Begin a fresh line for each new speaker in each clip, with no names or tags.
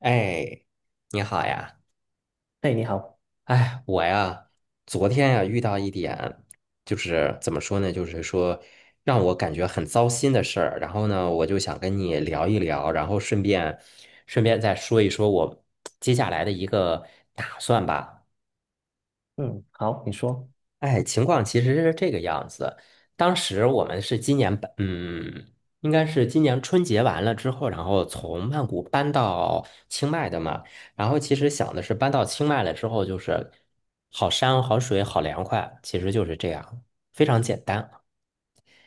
哎，你好呀！
哎，你好。
哎，我呀，昨天呀遇到一点，就是怎么说呢，就是说让我感觉很糟心的事儿。然后呢，我就想跟你聊一聊，然后顺便再说一说我接下来的一个打算吧。
嗯，好，你说。
哎，情况其实是这个样子。当时我们是今年搬，嗯，应该是今年春节完了之后，然后从曼谷搬到清迈的嘛。然后其实想的是搬到清迈了之后，就是好山好水好凉快，其实就是这样，非常简单。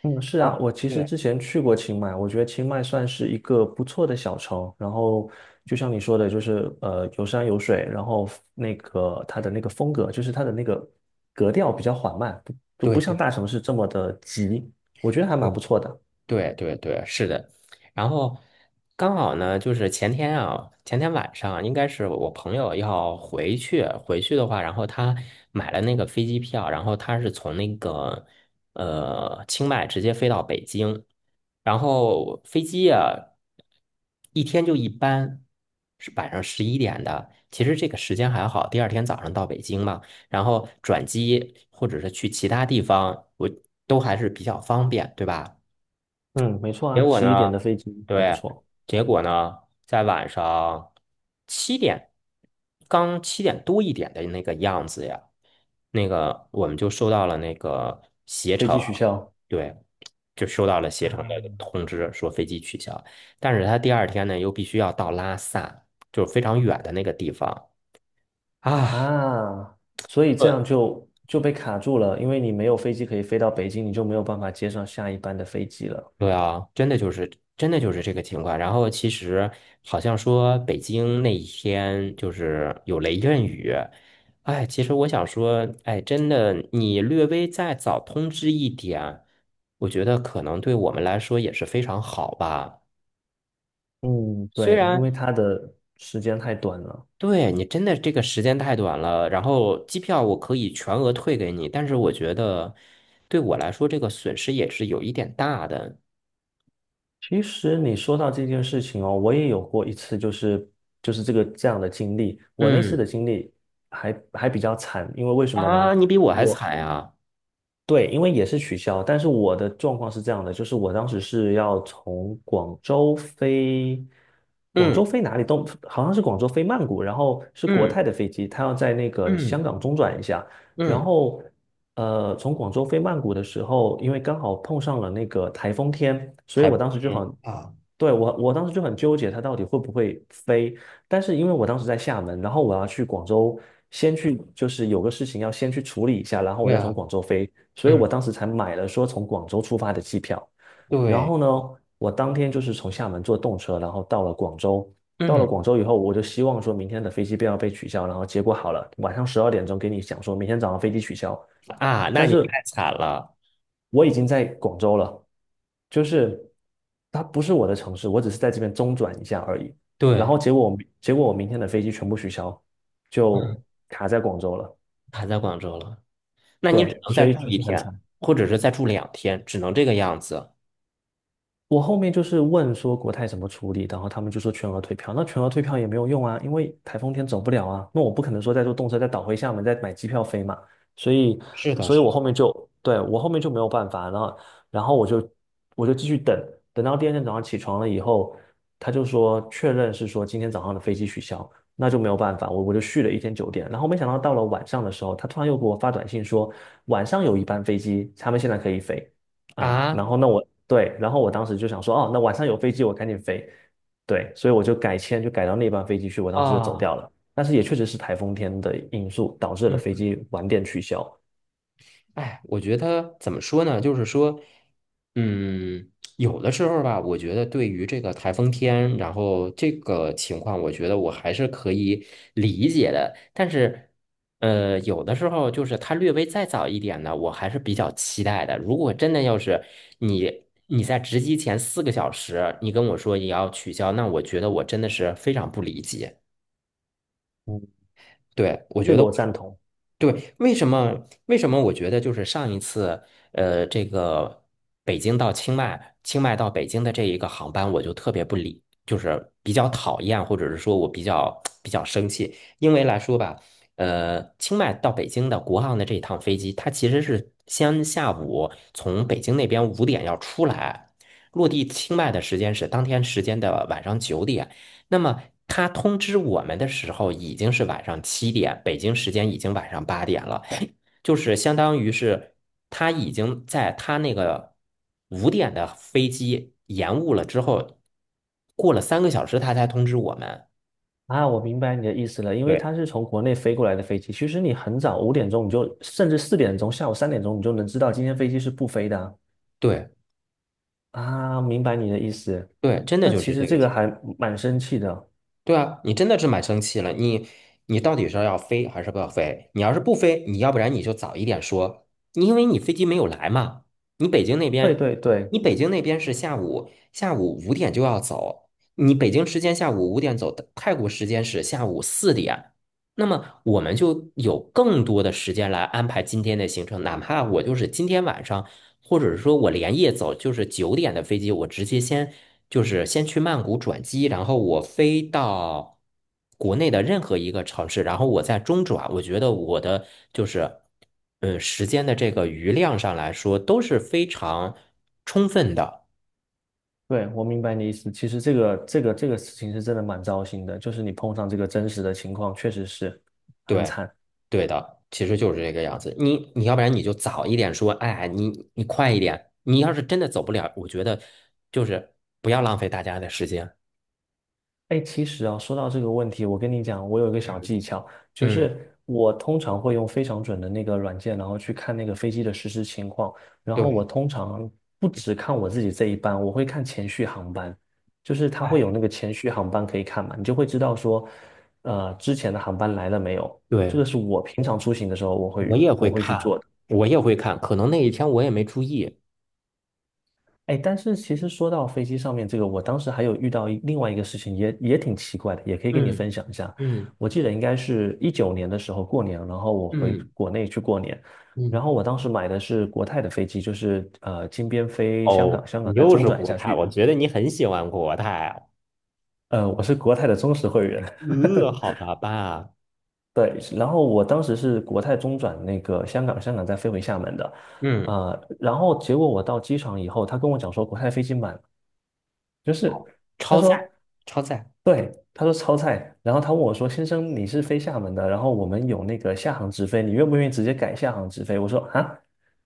嗯，是
然
啊，
后
我其实
对
之前去过清迈，我觉得清迈算是一个不错的小城，然后就像你说的，就是有山有水，然后那个它的那个风格，就是它的那个格调比较缓慢，不就不
对
像
对。
大城市这么的急，我觉得还蛮不错的。
对对对，是的。然后刚好呢，就是前天啊，前天晚上应该是我朋友要回去，回去的话，然后他买了那个飞机票，然后他是从那个清迈直接飞到北京，然后飞机啊一天就一班，是晚上11点的，其实这个时间还好，第二天早上到北京嘛，然后转机或者是去其他地方，我都还是比较方便，对吧？
嗯，没错
结
啊，
果
11点
呢，
的飞机还不
对，
错。
结果呢，在晚上七点，刚七点多一点的那个样子呀，那个我们就收到了那个携
飞
程，
机取消。
对，就收到了携程的
啊
通知，说飞机取消。但是他第二天呢，又必须要到拉萨，就是非常远的那个地方啊。
啊，所以这样就被卡住了，因为你没有飞机可以飞到北京，你就没有办法接上下一班的飞机了。
对啊，真的就是这个情况。然后其实好像说北京那一天就是有雷阵雨，哎，其实我想说，哎，真的你略微再早通知一点，我觉得可能对我们来说也是非常好吧。
嗯，
虽
对，因
然
为它的时间太短了。
对你真的这个时间太短了，然后机票我可以全额退给你，但是我觉得对我来说这个损失也是有一点大的。
其实你说到这件事情哦，我也有过一次，就是这样的经历。我那次
嗯
的经历还比较惨，为什么呢？
你比我还惨呀。
对，因为也是取消，但是我的状况是这样的，就是我当时是要从广州飞，广州
嗯。
飞哪里都好像是广州飞曼谷，然后是国
嗯
泰的飞机，它要在那个香
嗯
港中转一下。然
嗯，
后从广州飞曼谷的时候，因为刚好碰上了那个台风天，所以
还不
我当时就
行
很，
啊。
对，我当时就很纠结它到底会不会飞。但是因为我当时在厦门，然后我要去广州，先去就是有个事情要先去处理一下，然后我
对
再从
啊，
广州飞，所以
嗯
我当时才买了说从广州出发的机票。然
对，
后呢，我当天就是从厦门坐动车，然后到了广州。到了
嗯
广州以后，我就希望说明天的飞机不要被取消，然后结果好了，晚上12点钟给你讲说明天早上飞机取消。
那
但
你
是
太惨了，
我已经在广州了，就是它不是我的城市，我只是在这边中转一下而已。然
对，
后结果我明天的飞机全部取消，就
嗯，
卡在广州了。
还在广州了，那你只
对，
能
所
再
以
住
就
一
是很
天，
惨。
或者是再住2天，只能这个样子。
我后面就是问说国泰怎么处理，然后他们就说全额退票。那全额退票也没有用啊，因为台风天走不了啊。那我不可能说再坐动车再倒回厦门再买机票飞嘛。所以，
是的，
所以
是
我后面就对我后面就没有办法，然后我就继续等，等到第二天早上起床了以后，他就说确认是说今天早上的飞机取消，那就没有办法，我就续了一天酒店。然后没想到到了晚上的时候，他突然又给我发短信说晚上有一班飞机，他们现在可以飞。啊，然
啊
后那我对，然后我当时就想说，哦，那晚上有飞机，我赶紧飞。对，所以我就改签，就改到那班飞机去，我当时就走
啊，
掉了。但是也确实是台风天的因素导致了飞
嗯。
机晚点取消。
哎，我觉得怎么说呢？就是说，嗯，有的时候吧，我觉得对于这个台风天，然后这个情况，我觉得我还是可以理解的。但是，呃，有的时候就是它略微再早一点呢，我还是比较期待的。如果真的要是你在值机前4个小时，你跟我说你要取消，那我觉得我真的是非常不理解。
嗯，
对，我觉
这个
得。
我赞同
对，为什么？为什么我觉得就是上一次，呃，这个北京到清迈，清迈到北京的这一个航班，我就特别不理，就是比较讨厌，或者是说我比较 生气，因为来说吧，呃，清迈到北京的国航的这一趟飞机，它其实是先下午从北京那边五点要出来，落地清迈的时间是当天时间的晚上九点。那么他通知我们的时候已经是晚上七点，北京时间已经晚上8点了，就是相当于是他已经在他那个五点的飞机延误了之后，过了3个小时他才通知我们。
啊，我明白你的意思了，因为
对，
它是从国内飞过来的飞机，其实你很早5点钟你就，甚至4点钟，下午3点钟你就能知道今天飞机是不飞的啊。
对
啊，明白你的意思，
对，真的
但
就
其
是
实
这个
这个
情
还蛮生气的。
对啊，你真的是蛮生气了。你到底是要飞还是不要飞？你要是不飞，你要不然你就早一点说，因为你飞机没有来嘛。你北京那
对
边，
对对。
你北京那边是下午五点就要走，你北京时间下午五点走的，泰国时间是下午4点。那么我们就有更多的时间来安排今天的行程，哪怕我就是今天晚上。或者是说我连夜走，就是九点的飞机，我直接就是先去曼谷转机，然后我飞到国内的任何一个城市，然后我在中转。我觉得我的就是时间的这个余量上来说都是非常充分的。
对，我明白你的意思。其实这个事情是真的蛮糟心的，就是你碰上这个真实的情况，确实是很
对，
惨。
对的，其实就是这个样子。你要不然你就早一点说，哎，你快一点。你要是真的走不了，我觉得就是不要浪费大家的时间。
哎，其实啊，说到这个问题，我跟你讲，我有一个小技巧，就
嗯，
是我通常会用非常准的那个软件，然后去看那个飞机的实时情况。然后我
对，
通常不只看我自己这一班，我会看前续航班，就是它会有
哎，
那个前续航班可以看嘛，你就会知道说，之前的航班来了没有。这
对。
个是我平常出行的时候我
我
会
也
我
会
会去
看，
做的。
我也会看，可能那一天我也没注意。
哎，但是其实说到飞机上面这个，我当时还有遇到另外一个事情也挺奇怪的，也可以跟你
嗯
分享一下。
嗯
我记得应该是19年的时候过年，然后我回
嗯
国内去过年，然
嗯。
后我当时买的是国泰的飞机，就是金边飞香
哦，
港，香
你
港再
又
中
是
转一
国
下
泰，
去。
我觉得你很喜欢国泰啊。
我是国泰的忠实会员。
呃，好的吧。
对。然后我当时是国泰中转那个香港，香港再飞回厦门的。
嗯，
然后结果我到机场以后，他跟我讲说国泰飞机满，就是他
超载，
说，
超载
对，他说超载。然后他问我说，先生你是飞厦门的，然后我们有那个厦航直飞，你愿不愿意直接改厦航直飞？我说啊，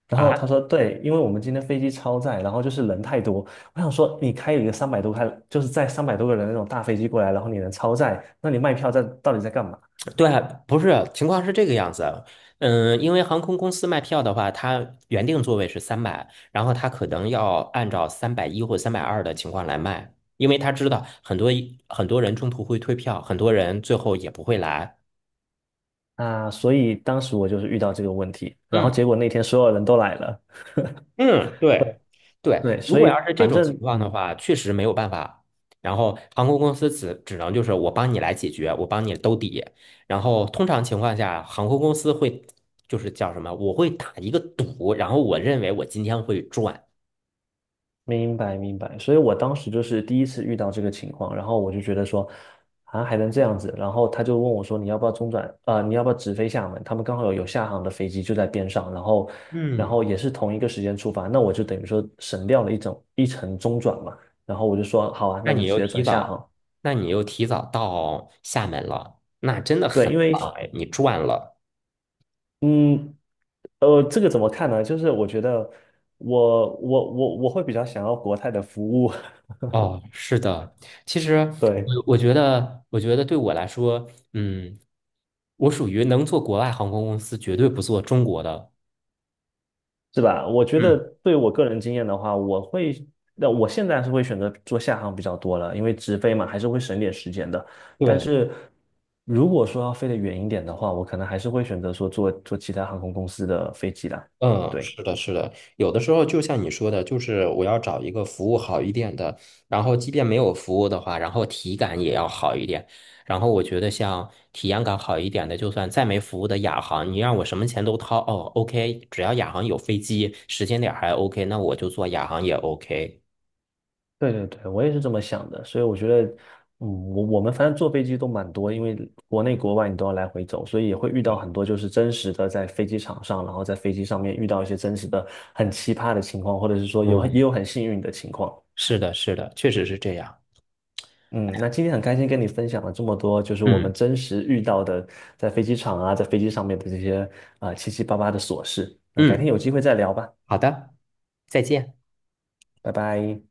然后他
啊，
说对，因为我们今天飞机超载，然后就是人太多，我想说你开一个三百多，就是载三百多个人的那种大飞机过来，然后你能超载，那你卖票到底在干嘛？
对，不是，情况是这个样子。嗯，因为航空公司卖票的话，它原定座位是三百，然后它可能要按照310或320的情况来卖，因为他知道很多很多人中途会退票，很多人最后也不会来。
啊，所以当时我就是遇到这个问题，然后
嗯。
结果那天所有人都来了。
嗯，对 对，
对，
如
所
果要
以
是这
反
种
正
情况的
嗯。
话，确实没有办法。然后航空公司只能就是我帮你来解决，我帮你兜底。然后通常情况下，航空公司会就是叫什么？我会打一个赌，然后我认为我今天会赚。
明白明白，所以我当时就是第一次遇到这个情况，然后我就觉得说，啊还能这样子，然后他就问我说你要不要中转，啊？你要不要直飞厦门？他们刚好有厦航的飞机就在边上，然后
嗯，
也是同一个时间出发，那我就等于说省掉了一程中转嘛，然后我就说好啊，那
那
就
你
直
又
接
提
转厦
早，
航。
那你又提早到厦门了，那真的
对，
很
因
棒
为
哎，你赚了。
嗯这个怎么看呢？就是我觉得我会比较想要国泰的服务。
哦，是的，其实
对。
我觉得对我来说，嗯，我属于能做国外航空公司，绝对不做中国的。
是吧？我觉得
嗯，
对我个人经验的话，那我现在是会选择做下航比较多了，因为直飞嘛，还是会省点时间的。但
对，
是如果说要飞得远一点的话，我可能还是会选择说坐其他航空公司的飞机啦。
嗯，
对。
是的，是的，有的时候就像你说的，就是我要找一个服务好一点的，然后即便没有服务的话，然后体感也要好一点。然后我觉得像体验感好一点的，就算再没服务的亚航，你让我什么钱都掏，哦，OK，只要亚航有飞机，时间点儿还 OK，那我就坐亚航也 OK。
对对对，我也是这么想的。所以我觉得，嗯，我们反正坐飞机都蛮多，因为国内国外你都要来回走，所以也会遇到很多就是真实的在飞机场上，然后在飞机上面遇到一些真实的很奇葩的情况，或者是说也
对
有很幸运的情况。
是的，是的，确实是这样。
嗯，那今天很开心跟你分享了这么多，就是我们
嗯
真实遇到的在飞机场啊，在飞机上面的这些啊、七七八八的琐事。那改天
嗯，
有机会再聊吧，
好的，再见。
拜拜。